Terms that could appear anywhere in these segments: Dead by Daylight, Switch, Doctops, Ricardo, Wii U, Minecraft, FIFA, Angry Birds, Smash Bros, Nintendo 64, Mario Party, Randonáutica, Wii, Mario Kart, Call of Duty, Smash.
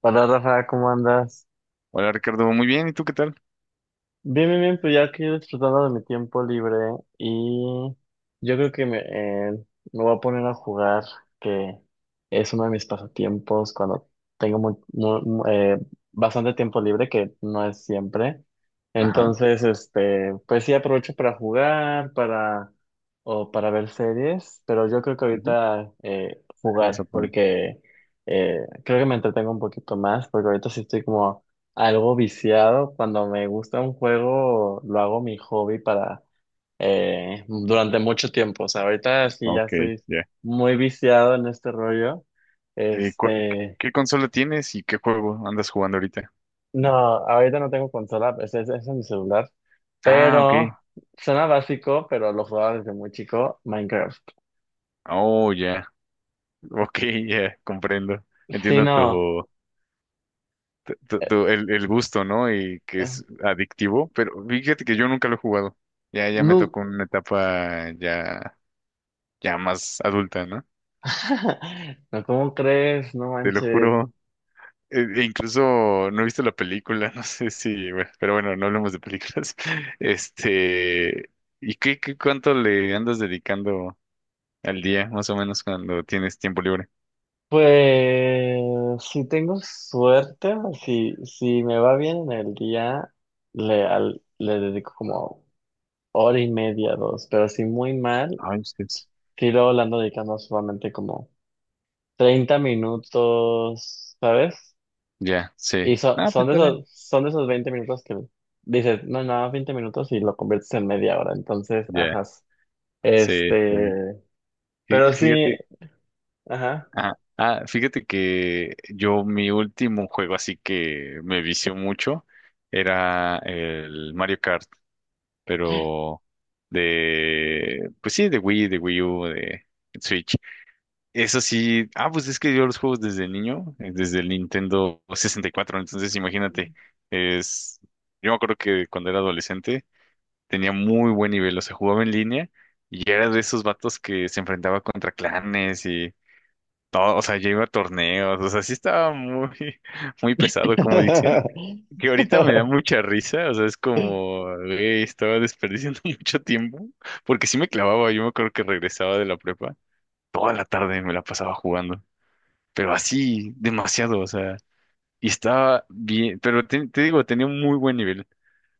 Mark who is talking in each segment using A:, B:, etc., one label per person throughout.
A: Hola Rafa, ¿cómo andas?
B: Hola Ricardo, muy bien, ¿y tú qué tal?
A: Bien, bien, bien, pues ya aquí disfrutando de mi tiempo libre y yo creo que me voy a poner a jugar, que es uno de mis pasatiempos cuando tengo bastante tiempo libre, que no es siempre.
B: Ajá,
A: Entonces, este, pues sí aprovecho para jugar, para o para ver series, pero yo creo que
B: ujú,
A: ahorita
B: la vas a
A: jugar,
B: poner.
A: porque creo que me entretengo un poquito más, porque ahorita sí estoy como algo viciado, cuando me gusta un juego, lo hago mi hobby para durante mucho tiempo. O sea, ahorita sí ya
B: Ok,
A: estoy
B: ya.
A: muy viciado en este rollo.
B: Eh, cu- ¿qué
A: Este,
B: qué consola tienes y qué juego andas jugando ahorita?
A: no, ahorita no tengo consola, es en mi celular.
B: Ah, ok.
A: Pero suena básico, pero lo jugaba desde muy chico, Minecraft.
B: Oh, ya. Ok, ya, comprendo.
A: Sí,
B: Entiendo tu,
A: no,
B: tu- tu-
A: eh,
B: tu- el, el gusto, ¿no? Y que es adictivo, pero fíjate que yo nunca lo he jugado. Ya, ya me
A: no,
B: tocó una etapa ya, ya más adulta, ¿no?
A: no, ¿cómo crees? No
B: Te lo
A: manches.
B: juro. E incluso no he visto la película, no sé si, bueno, pero bueno, no hablemos de películas. Este, ¿y qué, cuánto le andas dedicando al día, más o menos, cuando tienes tiempo libre?
A: Pues si tengo suerte, si me va bien en el día, le dedico como hora y media, dos, pero si muy mal,
B: Ay, ustedes.
A: sí luego le ando dedicando solamente como 30 minutos, ¿sabes?
B: Ya, sí.
A: Y
B: Ah, pues está bien.
A: son de esos 20 minutos que dices, no, no, 20 minutos y lo conviertes en media hora, entonces,
B: Ya,
A: ajá,
B: sí, está bien.
A: este,
B: Fí-
A: pero sí,
B: Fíjate,
A: ajá.
B: fíjate que yo mi último juego así que me vició mucho era el Mario Kart. Pero pues sí, de Wii U, de Switch. Eso sí, pues es que yo los juegos desde niño, desde el Nintendo 64, entonces imagínate, es, yo me acuerdo que cuando era adolescente tenía muy buen nivel, o sea, jugaba en línea y era de esos vatos que se enfrentaba contra clanes y todo, o sea, yo iba a torneos, o sea, sí estaba muy, muy pesado, como dicen, que ahorita me da mucha risa, o sea, es como, güey, estaba desperdiciando mucho tiempo, porque sí me clavaba, yo me acuerdo que regresaba de la prepa, toda la tarde me la pasaba jugando, pero así, demasiado, o sea, y estaba bien, pero te digo, tenía un muy buen nivel,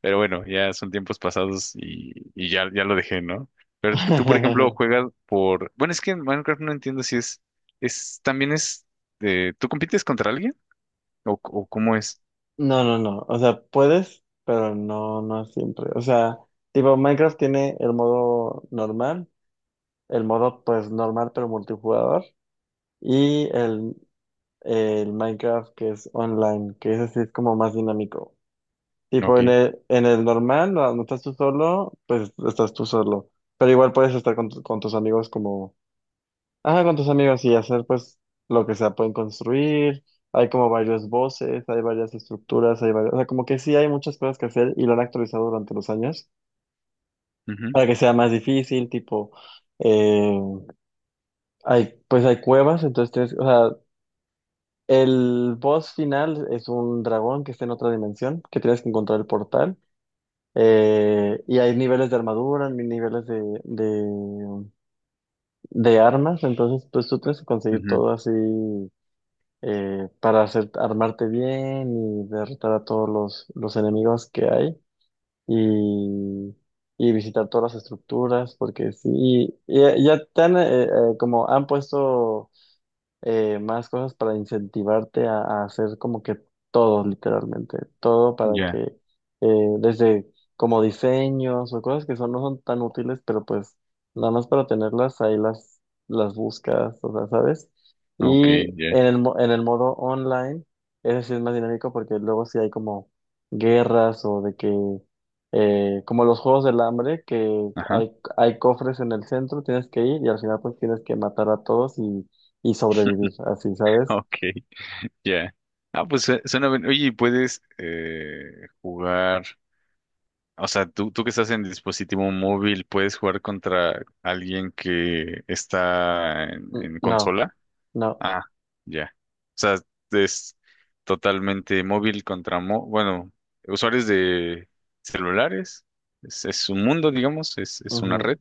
B: pero bueno, ya son tiempos pasados y ya, ya lo dejé, ¿no? Pero tú, por ejemplo, juegas bueno, es que en Minecraft no entiendo si es, también es, ¿tú compites contra alguien? ¿O cómo es?
A: No, no, no. O sea, puedes, pero no, no siempre. O sea, tipo, Minecraft tiene el modo normal, el modo pues normal pero multijugador, y el Minecraft que es online, que ese sí es como más dinámico. Tipo,
B: Ok.
A: en el normal, no, no estás tú solo, pues estás tú solo. Pero igual puedes estar con tus amigos como ajá, con tus amigos y hacer pues lo que sea, pueden construir, hay como varios voces, hay varias estructuras, hay varias, o sea, como que sí hay muchas cosas que hacer y lo han actualizado durante los años
B: Ujú,
A: para que sea más difícil, tipo, eh, hay, pues hay cuevas, entonces tienes, o sea, el boss final es un dragón que está en otra dimensión, que tienes que encontrar el portal, y hay niveles de armadura, niveles de armas, entonces pues tú tienes que conseguir
B: ujú.
A: todo así para hacer, armarte bien y derrotar a todos los enemigos que hay y, y visitar todas las estructuras, porque sí, como han puesto más cosas para incentivarte a hacer como que todo, literalmente, todo para
B: Ya.
A: que desde como diseños o cosas que son, no son tan útiles, pero pues nada más para tenerlas ahí las buscas, o sea, ¿sabes?
B: Ok,
A: Y
B: ya.
A: en el, en el modo online, ese sí es más dinámico porque luego sí hay como guerras o de que... como los juegos del hambre, que
B: Ajá.
A: hay cofres en el centro, tienes que ir y al final pues tienes que matar a todos y sobrevivir, así, ¿sabes?
B: Ok, ya. Ah, pues suena bien. Oye, ¿y puedes jugar? O sea, tú que estás en dispositivo móvil, ¿puedes jugar contra alguien que está en,
A: No,
B: consola?
A: no.
B: Ah, ya. O sea, es totalmente móvil contra bueno, usuarios de celulares. Es un mundo, digamos, es una
A: Ujú.
B: red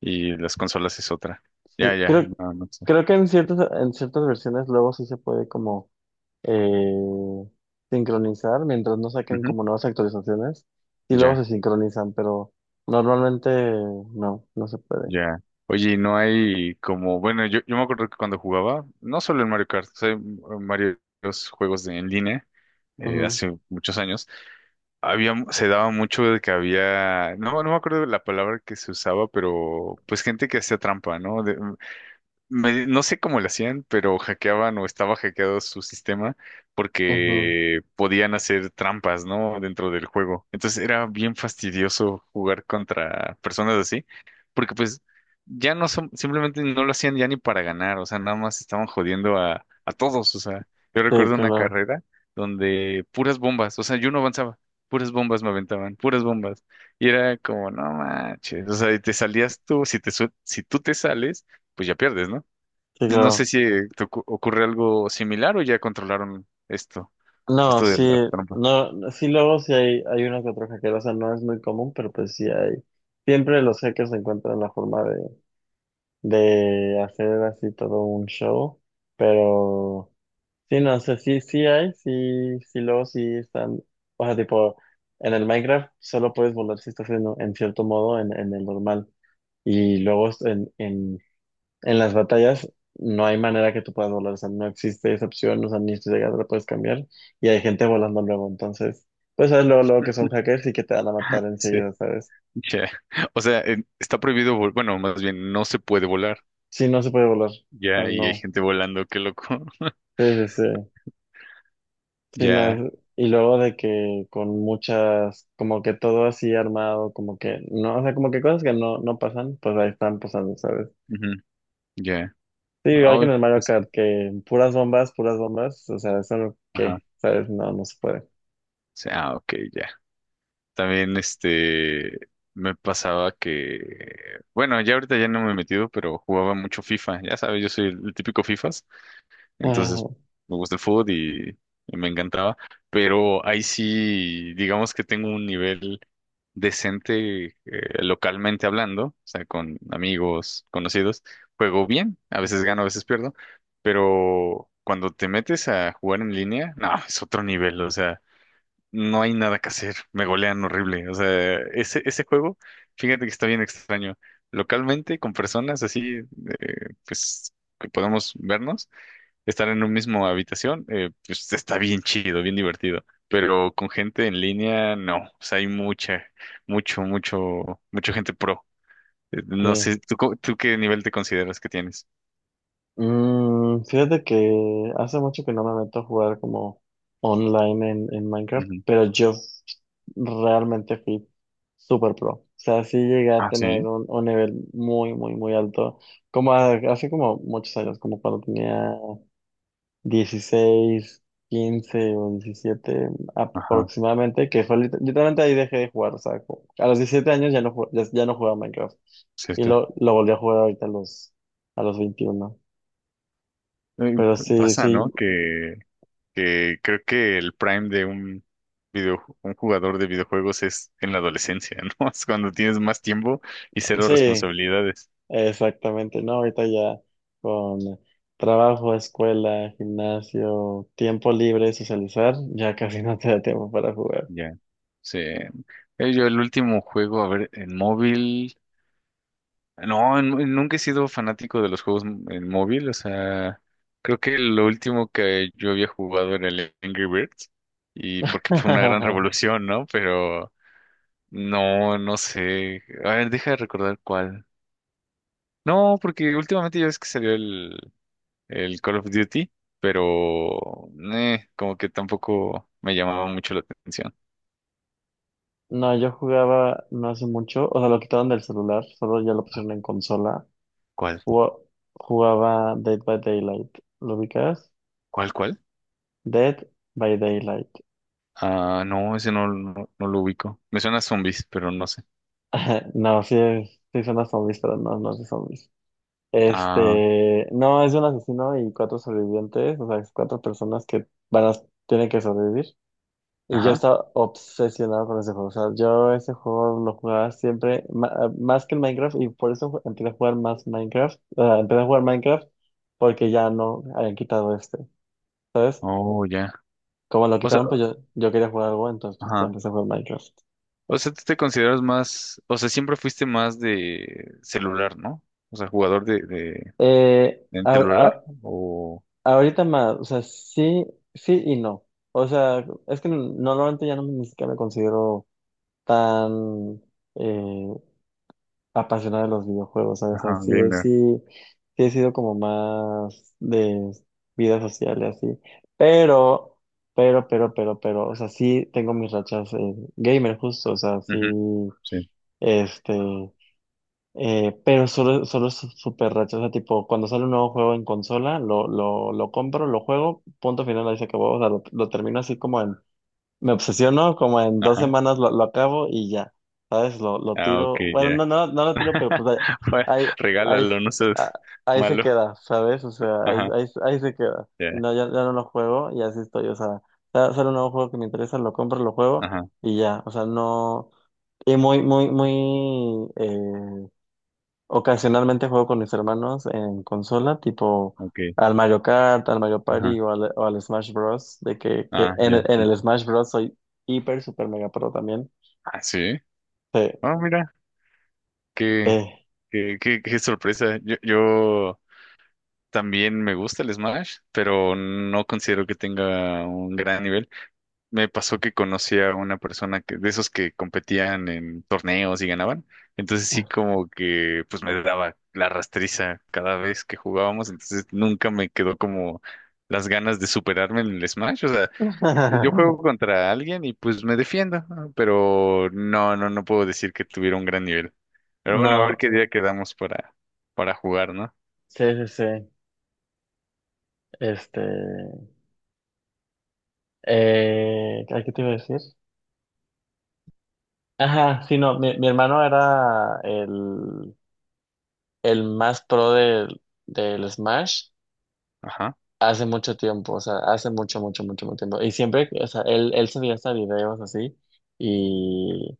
B: y las consolas es otra.
A: Sí,
B: Ya, ya. No, no sé.
A: creo que en en ciertas versiones luego sí se puede como eh, sincronizar, mientras no saquen
B: Ujú,
A: como nuevas actualizaciones, y luego
B: ya.
A: se sincronizan, pero normalmente no, no se puede.
B: Ya. Oye, ¿y no hay como, bueno, yo me acuerdo que cuando jugaba, no solo en Mario Kart, o sea, en varios juegos en línea,
A: Ujú,
B: hace muchos años, se daba mucho de que había, no me acuerdo la palabra que se usaba, pero pues gente que hacía trampa, ¿no? No sé cómo lo hacían, pero hackeaban o estaba hackeado su sistema
A: ujú.
B: porque podían hacer trampas, ¿no? Dentro del juego. Entonces era bien fastidioso jugar contra personas así, porque pues ya no son, simplemente no lo hacían ya ni para ganar, o sea, nada más estaban jodiendo a todos, o sea, yo
A: Sí,
B: recuerdo una
A: claro,
B: carrera donde puras bombas, o sea, yo no avanzaba. Puras bombas me aventaban, puras bombas. Y era como, no manches. O sea, y te salías tú, si tú te sales, pues ya pierdes, ¿no?
A: sí,
B: No sé
A: claro.
B: si te ocurre algo similar o ya controlaron esto,
A: No,
B: de
A: sí,
B: la trampa.
A: no, sí luego sí hay uno que otro hacker, o sea, no es muy común, pero pues sí hay. Siempre los hackers encuentran la forma de hacer así todo un show, pero sí, no sé, sí, sí hay, sí, sí, luego sí están, o sea, tipo, en el Minecraft solo puedes volar si estás en cierto modo en el normal, y luego en las batallas no hay manera que tú puedas volar, o sea, no existe esa opción, o sea, ni siquiera la puedes cambiar, y hay gente volando luego, entonces, pues sabes luego, luego que son hackers y que te van a matar
B: Sí,
A: enseguida, ¿sabes?
B: ya. O sea, está prohibido, bueno, más bien no se puede volar.
A: Sí, no se puede volar, o sea,
B: Ya, y hay
A: no,
B: gente volando, qué loco.
A: sí, sí, sí. Sí, no,
B: Ya,
A: y luego de que con muchas, como que todo así armado, como que no, o sea, como que cosas que no, no pasan, pues ahí están pasando, ¿sabes?
B: ujú, ya.
A: Sí,
B: Ah,
A: igual que en
B: uy,
A: el Mario
B: pues,
A: Kart, que puras bombas, o sea, eso no,
B: ajá.
A: ¿qué? ¿Sabes? No, no se puede.
B: Sí, ah, ok, ya. También este me pasaba que, bueno, ya ahorita ya no me he metido, pero jugaba mucho FIFA. Ya sabes, yo soy el típico FIFA. Entonces,
A: Ah,
B: me gusta el fútbol y me encantaba. Pero ahí sí, digamos que tengo un nivel decente localmente hablando, o sea, con amigos, conocidos. Juego bien, a veces gano, a veces pierdo, pero cuando te metes a jugar en línea, no, es otro nivel, o sea, no hay nada que hacer, me golean horrible, o sea, ese juego, fíjate que está bien extraño. Localmente, con personas así, pues, que podemos vernos estar en un mismo habitación, pues está bien chido, bien divertido. Pero con gente en línea, no. O sea, hay mucha gente pro. No
A: sí.
B: sé, ¿tú qué nivel te consideras que tienes?
A: Fíjate que hace mucho que no me meto a jugar como online en Minecraft,
B: Ujú.
A: pero yo realmente fui super pro. O sea, sí llegué a
B: Ah,
A: tener
B: sí.
A: un nivel muy, muy, muy alto, como hace como muchos años, como cuando tenía 16 15 o 17
B: Ajá,
A: aproximadamente, que fue literalmente ahí dejé de jugar. O sea, a los 17 años ya no, ya no jugaba Minecraft
B: sí,
A: y
B: sí.
A: lo volví a jugar ahorita a a los 21
B: Eh,
A: pero sí,
B: Pasa,
A: sí,
B: ¿no? Que creo que el prime de un jugador de videojuegos es en la adolescencia, ¿no? Es cuando tienes más tiempo y cero
A: sí,
B: responsabilidades.
A: exactamente, ¿no? Ahorita ya con trabajo, escuela, gimnasio, tiempo libre, socializar, ya casi no te da tiempo para jugar.
B: Ya, sí. Yo el último juego, a ver, en móvil, no, nunca he sido fanático de los juegos en móvil, o sea, creo que lo último que yo había jugado era el Angry Birds, y porque fue una gran revolución, ¿no? Pero no, no sé, a ver, deja de recordar cuál. No, porque últimamente ya ves que salió el Call of Duty, pero como que tampoco me llamaba mucho la atención.
A: No, yo jugaba no hace mucho, o sea, lo quitaron del celular, solo ya lo pusieron en consola.
B: ¿Cuál?
A: Ju- Jugaba Dead by Daylight, ¿lo ubicas?
B: ¿Cuál, cuál?
A: Dead by Daylight.
B: Ah, no, ese no, no, no lo ubico. Me suena a zombies, pero no sé.
A: No, sí, sí son las zombies, pero no, no es de zombies.
B: Ah,
A: Este, no, es de un asesino y cuatro sobrevivientes, o sea, es cuatro personas que tienen que sobrevivir. Y yo
B: ajá.
A: estaba obsesionado con ese juego, o sea, yo ese juego lo jugaba siempre, más que el Minecraft, y por eso empecé a jugar más Minecraft, o sea, empecé a jugar Minecraft porque ya no habían quitado este, ¿sabes?
B: Oh, ya.
A: Como lo
B: O sea,
A: quitaron, pues yo quería jugar algo, entonces pues, ya
B: ajá.
A: empecé a jugar Minecraft.
B: O sea, tú te consideras más, o sea, siempre fuiste más de celular, ¿no? O sea, jugador de, de,
A: Eh,
B: de celular o,
A: Ahorita más, o sea, sí, sí y no. O sea, es que normalmente ya no me, ni siquiera me considero tan eh, apasionado de los videojuegos, ¿sabes? O sea,
B: ajá,
A: sí,
B: gamer.
A: sí, sí he sido como más de vida social y así. Pero, pero, o sea, sí tengo mis rachas gamer justo, o sea, sí,
B: Ujú. Sí.
A: este, pero solo es súper racha, o sea, tipo, cuando sale un nuevo juego en consola, lo compro, lo juego, punto final, ahí se acabó, o sea, lo termino así como en, me obsesiono, como en dos
B: Ajá.
A: semanas lo acabo y ya, ¿sabes? Lo
B: Ah, ok,
A: tiro, bueno,
B: ya.
A: no, no, no lo tiro, pero pues
B: Bueno,
A: ahí, ahí, ahí,
B: regálalo, no seas
A: ah, ahí se
B: malo.
A: queda, ¿sabes? O sea,
B: Ajá,
A: ahí se queda,
B: ya.
A: no, ya, ya no lo juego y así estoy, o sea, sale un nuevo juego que me interesa, lo compro, lo juego
B: Ajá,
A: y ya, o sea, no... Y muy, muy, muy, ocasionalmente juego con mis hermanos en consola, tipo
B: ok.
A: al Mario Kart, al Mario
B: Ajá.
A: Party o al Smash Bros. De que
B: Ah, ya.
A: en el
B: Ya.
A: Smash Bros. Soy hiper, super mega pro también.
B: Ah, sí.
A: Sí,
B: Ah, mira, qué,
A: eh.
B: qué sorpresa. Yo también me gusta el Smash, pero no considero que tenga un gran nivel. Me pasó que conocí a una persona que, de esos que competían en torneos y ganaban. Entonces sí como que pues me daba la rastriza cada vez que jugábamos. Entonces nunca me quedó como las ganas de superarme en el Smash. O sea, yo juego contra alguien y pues me defiendo, ¿no? Pero no puedo decir que tuviera un gran nivel. Pero bueno, a ver
A: No,
B: qué día quedamos para, jugar, ¿no?
A: sí, sí, sí. Este, ¿a ¿qué te iba a decir? Ajá, sí, no, mi hermano era el más pro del Smash.
B: Ajá,
A: Hace mucho tiempo, o sea, hace mucho, mucho, mucho, mucho tiempo. Y siempre, o sea, él subía hasta videos así y,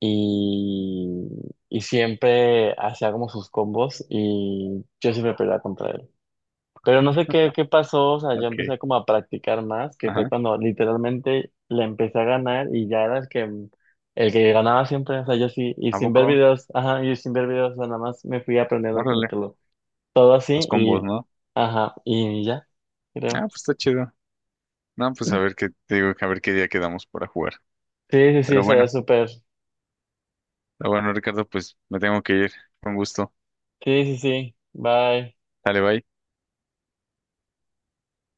A: y, y siempre hacía como sus combos y yo siempre peleaba contra él. Pero no sé qué pasó, o sea, yo
B: ok,
A: empecé como a practicar más, que fue
B: ajá.
A: cuando literalmente le empecé a ganar y ya era el que ganaba siempre, o sea, yo sí, y
B: ¿A
A: sin ver
B: poco?
A: videos, ajá, y sin ver videos, o sea, nada más me fui aprendiendo como
B: Órale,
A: que todo
B: los
A: así
B: combos,
A: y,
B: ¿no?
A: ajá, y ya,
B: Ah,
A: creo.
B: pues está chido. No, pues a ver qué, te digo, a ver qué día quedamos para jugar.
A: Sí, sí, sí,
B: Pero
A: sería
B: bueno,
A: súper. Sí,
B: está bueno, Ricardo, pues me tengo que ir. Con gusto.
A: sí, sí. Bye.
B: Dale, bye.